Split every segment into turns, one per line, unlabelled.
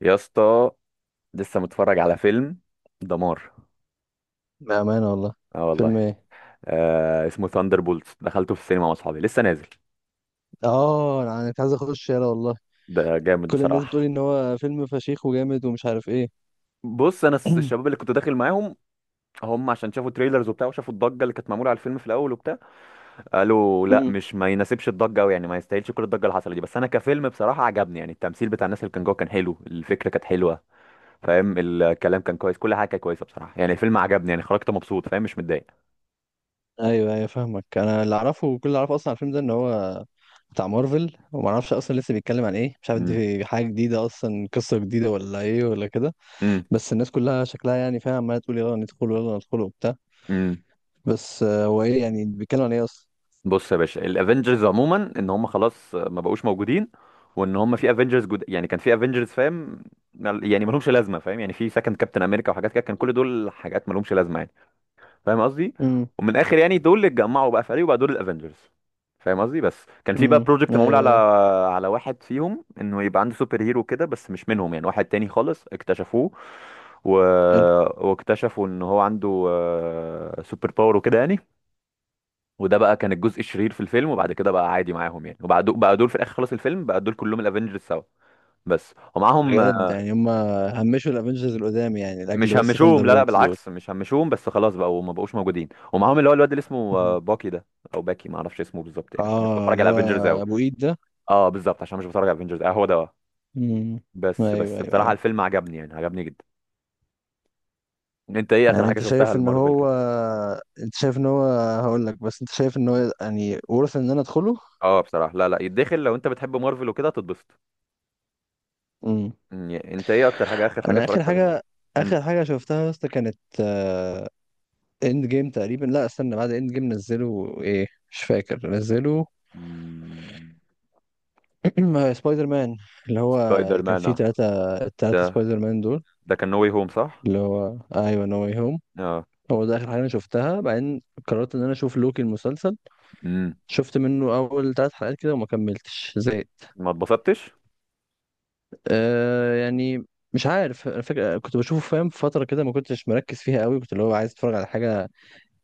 يا اسطى، لسه متفرج على فيلم دمار.
بأمانة والله.
اه والله.
فيلم ايه؟
آه، اسمه ثاندر بولتس، دخلته في السينما مع اصحابي، لسه نازل.
انا كنت عايز اخش، يلا والله.
ده جامد
كل الناس
بصراحه.
بتقولي ان هو فيلم فشيخ وجامد ومش عارف ايه.
بص، انا الشباب اللي كنت داخل معاهم هم عشان شافوا تريلرز وبتاع، وشافوا الضجه اللي كانت معموله على الفيلم في الاول وبتاع. قالوا لا،
مم.
مش ما يناسبش الضجه قوي، يعني ما يستاهلش كل الضجه اللي حصلت دي. بس انا كفيلم بصراحه عجبني، يعني التمثيل بتاع الناس اللي كان جوه كان حلو، الفكره كانت حلوه. فاهم؟ الكلام كان كويس، كل حاجه كانت كويسه بصراحه، يعني الفيلم عجبني، يعني خرجت مبسوط، فاهم؟ مش متضايق.
ايوه ايوه، فاهمك. انا اللي اعرفه، وكل اللي اعرفه اصلا عن الفيلم ده، ان هو بتاع مارفل، وما اعرفش اصلا لسه بيتكلم عن ايه. مش عارف
امم،
دي حاجه جديده اصلا، قصه جديده، ولا ايه، ولا كده؟
امم،
بس الناس كلها شكلها، يعني فاهم، عماله تقول يلا ندخل، يلا ندخل، وبتاع.
امم.
بس هو ايه يعني، بيتكلم عن ايه اصلا؟
بص يا باشا، الافنجرز عموما ان هم خلاص ما بقوش موجودين، وان هم في افنجرز يعني كان في افنجرز، فاهم؟ يعني ما لهمش لازمه، فاهم؟ يعني في سكند كابتن امريكا وحاجات كده، كان كل دول حاجات ما لهمش لازمه يعني. فاهم قصدي؟
امم.
ومن الاخر يعني دول اللي اتجمعوا بقى فريق وبقى دول الافنجرز. فاهم قصدي؟ بس كان في
امم.
بقى بروجكت معمول
ايوه
على
ايوه،
على واحد فيهم، انه يبقى عنده سوبر هيرو كده، بس مش منهم، يعني واحد تاني خالص اكتشفوه. و...
حلو.
واكتشفوا ان هو عنده سوبر باور وكده يعني. وده بقى كان الجزء الشرير في الفيلم، وبعد كده بقى عادي معاهم يعني. وبعد بقى دول في الاخر خلاص الفيلم بقى دول كلهم الافنجرز سوا. بس، ومعاهم
بجد يعني، هم همشوا الافنجرز القدام يعني، لاجل
مش
بس
همشوهم،
ثاندر
لا لا،
بولت دول؟
بالعكس مش همشوهم، بس خلاص بقى وما بقوش موجودين، ومعاهم اللي هو الواد اللي اسمه
مم.
باكي ده. او باكي، ما اعرفش اسمه بالظبط يعني، عشان مش
اه،
بتفرج
اللي
على
هو
الافنجرز قوي.
ابو ايد ده.
اه بالظبط، عشان مش بتفرج على الافنجرز. اه هو ده
مم.
بس
ايوه
بس
ايوه
بصراحة
ايوه.
الفيلم عجبني، يعني عجبني جدا. انت ايه اخر
يعني
حاجة
انت
شفتها
شايف ان
لمارفل
هو
كده؟
انت شايف ان هو هقول لك، بس انت شايف ان هو يعني ورث ان انا ادخله؟
اه بصراحة لا لا، يتدخل لو انت بتحب مارفل وكده تتبسط.
مم.
انت ايه اكتر حاجة، اخر حاجة
انا اخر
اتفرجت عليها
حاجه
لمارفل؟
اخر حاجه شفتها يا اسطى، كانت اند جيم تقريبا. لا، استنى، بعد اند جيم نزلوا ايه؟ مش فاكر. نزلوا
مم.
سبايدر مان، اللي هو
سبايدر
اللي كان
مان
فيه ثلاثة، الثلاثة
ده،
سبايدر مان دول.
ده كان نو واي هوم، صح؟
اللي هو ايوه، نو واي هوم.
اه.
هو ده اخر حاجه انا شفتها. بعدين قررت ان انا اشوف لوكي المسلسل.
امم.
شفت منه اول 3 حلقات كده وما كملتش، زهقت.
ما اتبسطتش؟
يعني، مش عارف الفكره، كنت بشوفه فاهم، في فتره كده ما كنتش مركز فيها قوي، كنت اللي هو عايز اتفرج على حاجه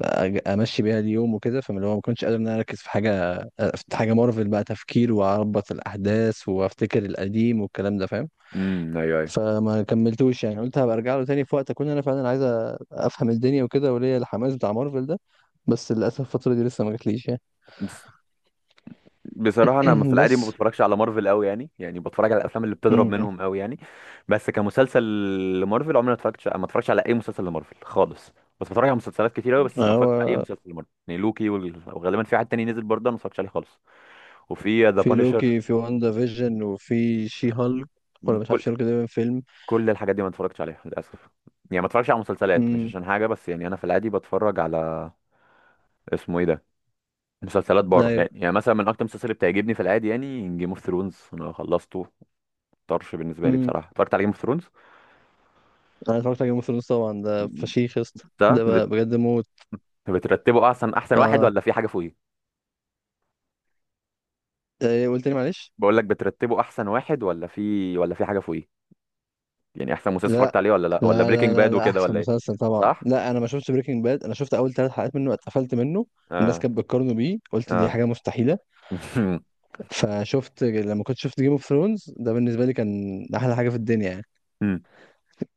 امشي بيها اليوم وكده، فاللي هو ما كنتش قادر ان انا اركز في حاجه، في حاجه مارفل بقى تفكير، واربط الاحداث، وافتكر القديم، والكلام ده فاهم.
امم. ايوه ايوه.
فما كملتوش يعني. قلت هبقى ارجع له تاني، في وقت اكون انا فعلا عايز افهم الدنيا وكده، وليا الحماس بتاع مارفل ده. بس للاسف الفتره دي لسه ما جاتليش يعني.
بس بصراحة أنا في العادي ما
بس
بتفرجش على مارفل أوي، يعني يعني بتفرج على الأفلام اللي
م-
بتضرب
م.
منهم أوي يعني. بس كمسلسل لمارفل عمري ما اتفرجتش، ما اتفرجش على أي مسلسل لمارفل خالص. بس بتفرج على مسلسلات كتير أوي، بس ما اتفرجتش على أي
هو
مسلسل لمارفل، يعني لوكي وغالبا في حد تاني نزل برضه أنا ما اتفرجتش عليه خالص. وفي ذا
في
بانشر،
لوكي، في واندا فيجن، وفي شي هالك. ولا مش
كل
عارف شي هالك ده فيلم.
كل الحاجات دي ما اتفرجتش عليها للأسف. يعني ما اتفرجش على مسلسلات، مش
امم.
عشان حاجة، بس يعني أنا في العادي بتفرج على، اسمه إيه ده، مسلسلات بره
ايوه.
يعني. يعني مثلا من اكتر المسلسلات اللي بتعجبني في العادي يعني جيم اوف ثرونز، انا خلصته. طرش بالنسبه لي
امم.
بصراحه، اتفرجت على جيم اوف ثرونز.
انا اتفرجت على جيم اوف ثرونز طبعا. ده فشيخ يا اسطى،
ده
ده
بت-
بجد موت.
بترتبه احسن واحد،
اه.
ولا في حاجه فوقيه؟
إيه قلت لي؟ معلش.
بقول لك بترتبه احسن واحد، ولا في، ولا في حاجه فوقيه؟ يعني احسن مسلسل
لا
اتفرجت عليه ولا لا؟ ولا
لا لا
بريكنج
لا
باد
لا،
وكده،
احسن
ولا ايه؟
مسلسل طبعا.
صح.
لا، انا ما شفتش بريكنج باد. انا شفت اول 3 حلقات منه، اتقفلت منه. الناس
اه.
كانت بتقارنه بيه، قلت دي
اه.
حاجه مستحيله. فشفت لما كنت شفت جيم اوف ثرونز، ده بالنسبه لي كان احلى حاجه في الدنيا يعني.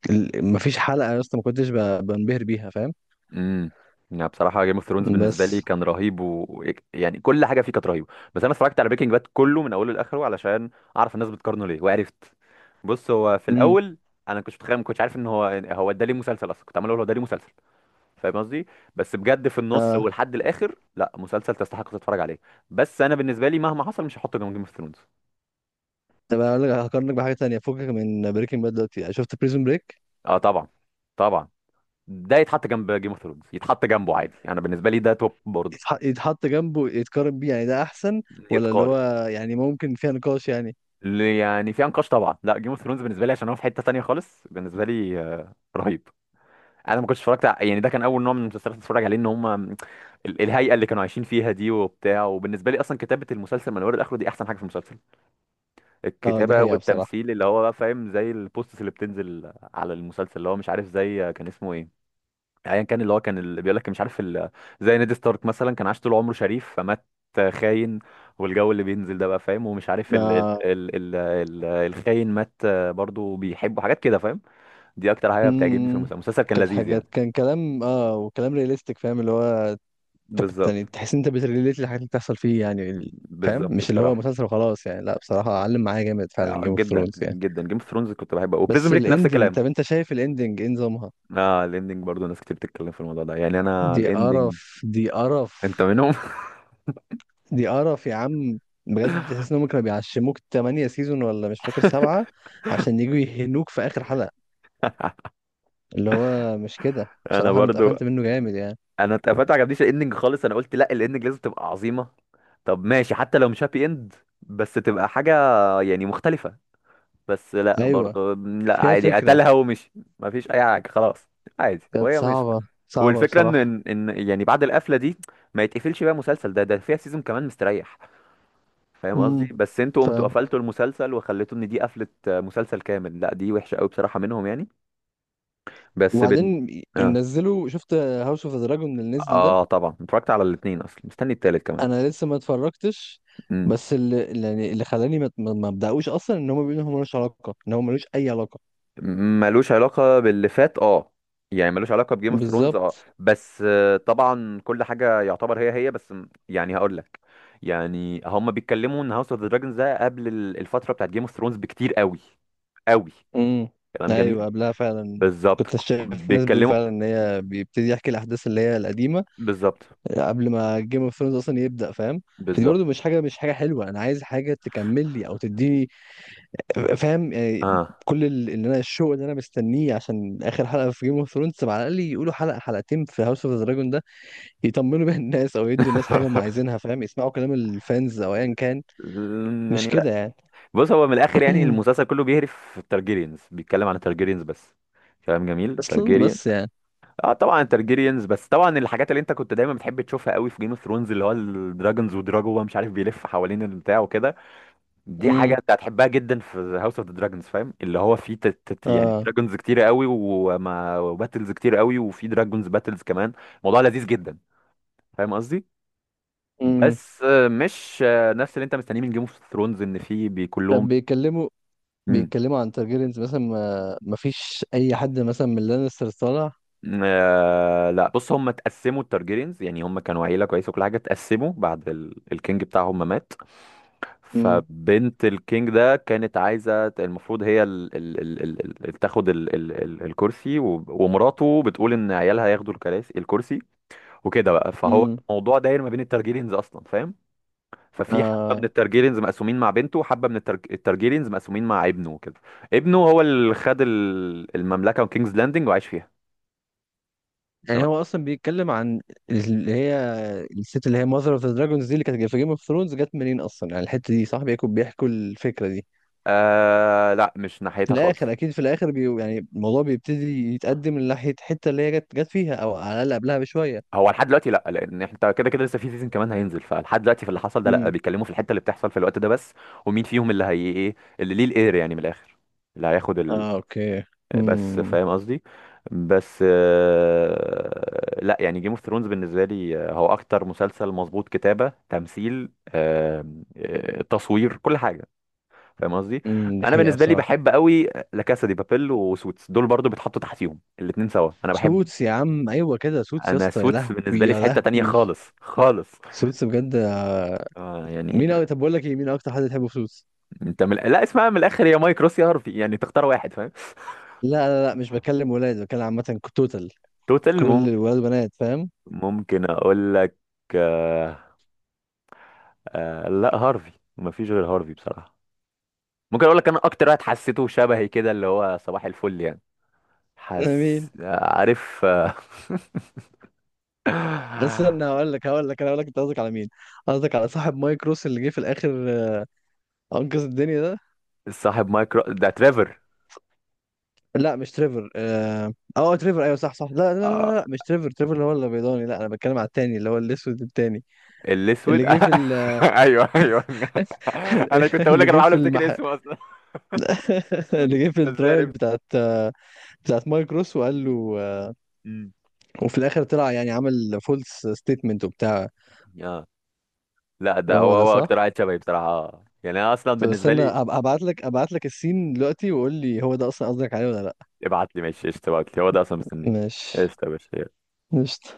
مفيش حلقه يا اسطى ما كنتش بنبهر بيها، فاهم.
امم. يعني بصراحه جيم اوف ثرونز بالنسبه لي
بس.
كان رهيب، ويعني كل حاجه فيه كانت رهيبه. بس انا اتفرجت على بريكنج باد كله من اوله لاخره علشان اعرف الناس بتقارنه ليه، وعرفت. بص هو في
امم،
الاول انا كنت متخيل، ما كنتش عارف ان هو، هو ده ليه مسلسل اصلا، كنت عمال اقول هو ده ليه مسلسل. فاهم قصدي؟ بس بجد في النص
اه.
ولحد الاخر، لا، مسلسل تستحق تتفرج عليه. بس انا بالنسبه لي مهما حصل مش هحطه جنب جيم اوف ثرونز.
طب انا هقول لك، هقارنك بحاجه تانية، فكك من بريكنج باد دلوقتي. يعني شفت بريزون بريك؟
اه طبعا. طبعا. ده يتحط جنب جيم اوف ثرونز، يتحط جنبه عادي، انا بالنسبه لي ده توب برضه.
يتحط جنبه، يتقارن بيه يعني، ده احسن؟ ولا اللي
يتقارن،
هو يعني ممكن فيها نقاش يعني؟
اللي يعني في انقاش طبعا. لا جيم اوف ثرونز بالنسبه لي عشان هو في حته تانية خالص بالنسبه لي. رهيب. انا ما كنتش يعني ده كان اول نوع من المسلسلات اللي اتفرج عليه. ان هم الهيئه اللي كانوا عايشين فيها دي وبتاع، وبالنسبه لي اصلا كتابه المسلسل من اوله لاخره دي احسن حاجه في المسلسل.
اه، دي
الكتابه
حقيقه بصراحه.
والتمثيل اللي هو بقى، فاهم؟ زي البوستس اللي بتنزل على المسلسل، اللي هو مش عارف زي كان اسمه ايه. ايا كان، اللي هو كان اللي بيقول لك مش عارف زي نيد ستارك مثلا، كان عاش طول عمره شريف فمات خاين. والجو اللي بينزل ده بقى، فاهم؟ ومش عارف ال ال
آه.
ال ال ال الخاين مات. برضو بيحبه حاجات كده، فاهم؟ دي اكتر حاجه بتعجبني في
امم.
المسلسل، المسلسل كان
كانت
لذيذ يعني.
حاجات، كان كلام وكلام رياليستيك، فاهم. اللي هو انت كنت يعني
بالظبط.
تحس إن انت بتريليت للحاجات اللي بتحصل فيه يعني. فاهم
بالظبط
مش اللي هو
بصراحه.
مسلسل وخلاص يعني. لا بصراحة، علم معايا جامد فعلا جيم اوف
جدا
ثرونز يعني.
جدا، جيم اوف ثرونز كنت بحبه. وبريزون
بس
بريك نفس
الاندنج،
الكلام.
طب انت شايف الاندنج ايه نظامها؟
اه الاندنج برضو ناس كتير بتتكلم في الموضوع ده، يعني انا
دي
الاندنج.
قرف، دي قرف.
انت منهم؟
دي قرف يا عم. بجد تحس انهم كانوا بيعشموك 8 سيزون، ولا مش فاكر، 7، عشان يجوا يهنوك في اخر حلقة، اللي هو مش كده؟
انا
بصراحة انا
برضو.
اتقفلت منه جامد يعني.
انا اتقفلت، ما عجبنيش الاندنج خالص. انا قلت لا، الاندنج لازم تبقى عظيمه. طب ماشي حتى لو مش هابي اند، بس تبقى حاجه يعني مختلفه. بس لا
ايوه.
برضه، لا،
فيها
عادي،
فكرة.
قتلها ومشي. ما فيش اي حاجه خلاص، عادي،
كانت
وهي مش.
صعبة، صعبة
والفكره ان
بصراحة.
ان إن يعني بعد القفله دي ما يتقفلش بقى، مسلسل ده فيها سيزون كمان مستريح. فاهم قصدي؟
امم.
بس انتوا قمتوا
فاهم.
قفلتوا المسلسل، وخليتوا ان دي قفله مسلسل كامل، لا دي وحشه قوي بصراحه منهم يعني. بس
وبعدين
اه.
نزلوا، شفت هاوس اوف دراجون اللي نزل ده؟
اه طبعا، اتفرجت على الاثنين، اصلا مستني التالت
انا لسه ما اتفرجتش.
كمان.
بس يعني اللي خلاني ما ابداوش اصلا، ان هم بيقولوا ان هو ملوش علاقة، ان هو ملوش اي علاقة.
ملوش علاقة باللي فات، اه، يعني ملوش علاقة بجيم اوف ثرونز، اه،
بالظبط.
بس طبعا كل حاجة يعتبر هي هي، بس يعني هقول لك. يعني هم بيتكلموا ان هاوس اوف ذا دراجونز ده قبل الفترة بتاعت جيم اوف ثرونز بكتير قوي. قوي.
امم.
كلام جميل.
ايوه، قبلها فعلا.
بالظبط.
كنت شايف ناس بتقول
بيتكلموا.
فعلا ان هي بيبتدي يحكي الاحداث اللي هي القديمه
بالظبط.
قبل ما جيم اوف ثرونز اصلا يبدا، فاهم. فدي
بالظبط.
برضو مش حاجه حلوه. انا عايز حاجه تكمل لي او تديني، فاهم يعني.
اه.
كل اللي انا الشوق اللي انا مستنيه، عشان اخر حلقه في جيم اوف ثرونز، على الاقل يقولوا حلقه حلقتين في هاوس اوف ذا دراجون ده، يطمنوا بيها الناس، او يدوا الناس حاجه هم عايزينها، فاهم. يسمعوا كلام الفانز، او ايا كان. مش
يعني
كده
لا.
يعني؟
بص هو من الاخر يعني المسلسل كله بيهرف في التارجيريانز، بيتكلم عن التارجيريانز بس. كلام جميل.
اصلا، بس يعني.
اه طبعا ترجيريانز، بس طبعا الحاجات اللي انت كنت دايما بتحب تشوفها قوي في جيم اوف ثرونز اللي هو الدراجونز ودراجو، هو مش عارف، بيلف حوالين البتاع وكده. دي حاجه
امم،
انت هتحبها جدا في هاوس اوف ذا دراجونز، فاهم؟ اللي هو في يعني
اه.
دراجونز كتير قوي، وما وباتلز كتير قوي، وفي دراجونز باتلز كمان. موضوع لذيذ جدا. فاهم قصدي؟
امم.
بس مش نفس اللي انت مستنيه من جيم اوف ثرونز، ان في
طب
كلهم.
بيتكلموا
مم.
بيتكلموا عن تارجيريانز مثلا، ما فيش اي حد مثلا من لانستر طالع؟
آه لا، بص هم اتقسموا التارجيريانز، يعني هم كانوا عيله كويسه وكل حاجه، اتقسموا بعد الكينج بتاعهم ما مات.
امم.
فبنت الكينج ده كانت عايزة، المفروض هي تاخد ال ال ال الكرسي، ومراته بتقول ان عيالها ياخدوا الكراسي، الكرسي. وكده بقى، فهو
امم.
الموضوع داير ما بين الترجيرينز اصلا، فاهم؟ ففي حبة من
اه.
الترجيرينز مقسومين مع بنته، وحبة من الترجيرينز مقسومين مع ابنه وكده. ابنه هو اللي خد المملكة وكينجز لاندنج وعاش فيها.
يعني
تمام.
هو اصلا بيتكلم عن اللي هي الست، اللي هي ماذر اوف ذا دراجونز دي، اللي كانت في جيم اوف ثرونز جت منين اصلا يعني الحته دي؟ صاحبي يكون بيحكوا الفكره دي؟
آه لا، مش
في
ناحيتها
الاخر
خالص.
اكيد، في الاخر يعني الموضوع بيبتدي يتقدم لناحيه الحته اللي هي جت فيها، او على الاقل قبلها بشويه.
هو لحد دلوقتي لا، لان انت كده كده لسه في سيزون كمان هينزل، فلحد دلوقتي في اللي حصل ده لا،
امم،
بيتكلموا في الحته اللي بتحصل في الوقت ده بس. ومين فيهم اللي هي، ايه اللي ليه الاير يعني من الاخر. اللي هياخد
اه، اوكي.
بس
امم.
فاهم قصدي. بس لا، يعني جيم اوف ثرونز بالنسبه لي هو اكتر مسلسل مظبوط، كتابه، تمثيل، تصوير، كل حاجه. فاهم قصدي؟
امم. دي
انا
حقيقه
بالنسبه لي
بصراحه.
بحب قوي لا كاسا دي بابيل وسوتس، دول برضو بيتحطوا تحتيهم الاتنين سوا، انا بحب.
سوتس يا عم، ايوه كده، سوتس يا
انا
اسطى، يا
سوتس بالنسبه
لهوي
لي
يا
في حته تانية
لهوي.
خالص خالص.
سوتس بجد.
اه يعني.
طب بقول لك ايه، مين اكتر حد تحبه في سوتس؟
انت لا اسمها من الاخر، يا مايك روس يا هارفي، يعني تختار واحد فاهم.
لا لا لا، مش بكلم ولاد، بكلم عامه توتال.
توتال
كل
ممكن.
الولاد وبنات، فاهم.
ممكن اقول لك. آه... لا هارفي، مفيش غير هارفي بصراحة. ممكن اقول لك انا اكتر واحد حسيته شبهي كده اللي هو صباح الفل يعني.
على
حس
مين؟
عارف
استنى، هقول لك هقول لك انا هقول لك انت قصدك على مين. قصدك على صاحب مايك روس اللي جه في الاخر، انقذ الدنيا ده؟
صاحب مايكرو ده تريفر.
لا مش تريفر. تريفر، ايوه صح صح. لا لا لا
آه،
لا لا، مش تريفر. تريفر اللي هو الابيضاني، لا. انا بتكلم على التاني، اللي هو الاسود التاني، اللي
الاسود.
جه في
ايوه ايوه. انا كنت اقول
اللي
لك، انا
جه
بحاول
في
افتكر اسمه اصلا.
اللي جه في
انت ازاي
الترايل
عرفت؟
بتاعت، بتاعت مايك روس، وقال له،
مم.
وفي الاخر طلع يعني عمل فولس ستيتمنت وبتاع.
لا ده
هو
هو،
ده
هو اكتر
صح؟
واحد شبهي بصراحه يعني انا اصلا
طب
بالنسبه
استنى،
لي.
ابعت لك السين دلوقتي، وقول لي هو ده اصلا قصدك عليه ولا لا.
ابعت لي ماشي قشطه، ابعت لي، هو ده اصلا مستنيه.
ماشي
قشطه يا باشا.
قشطة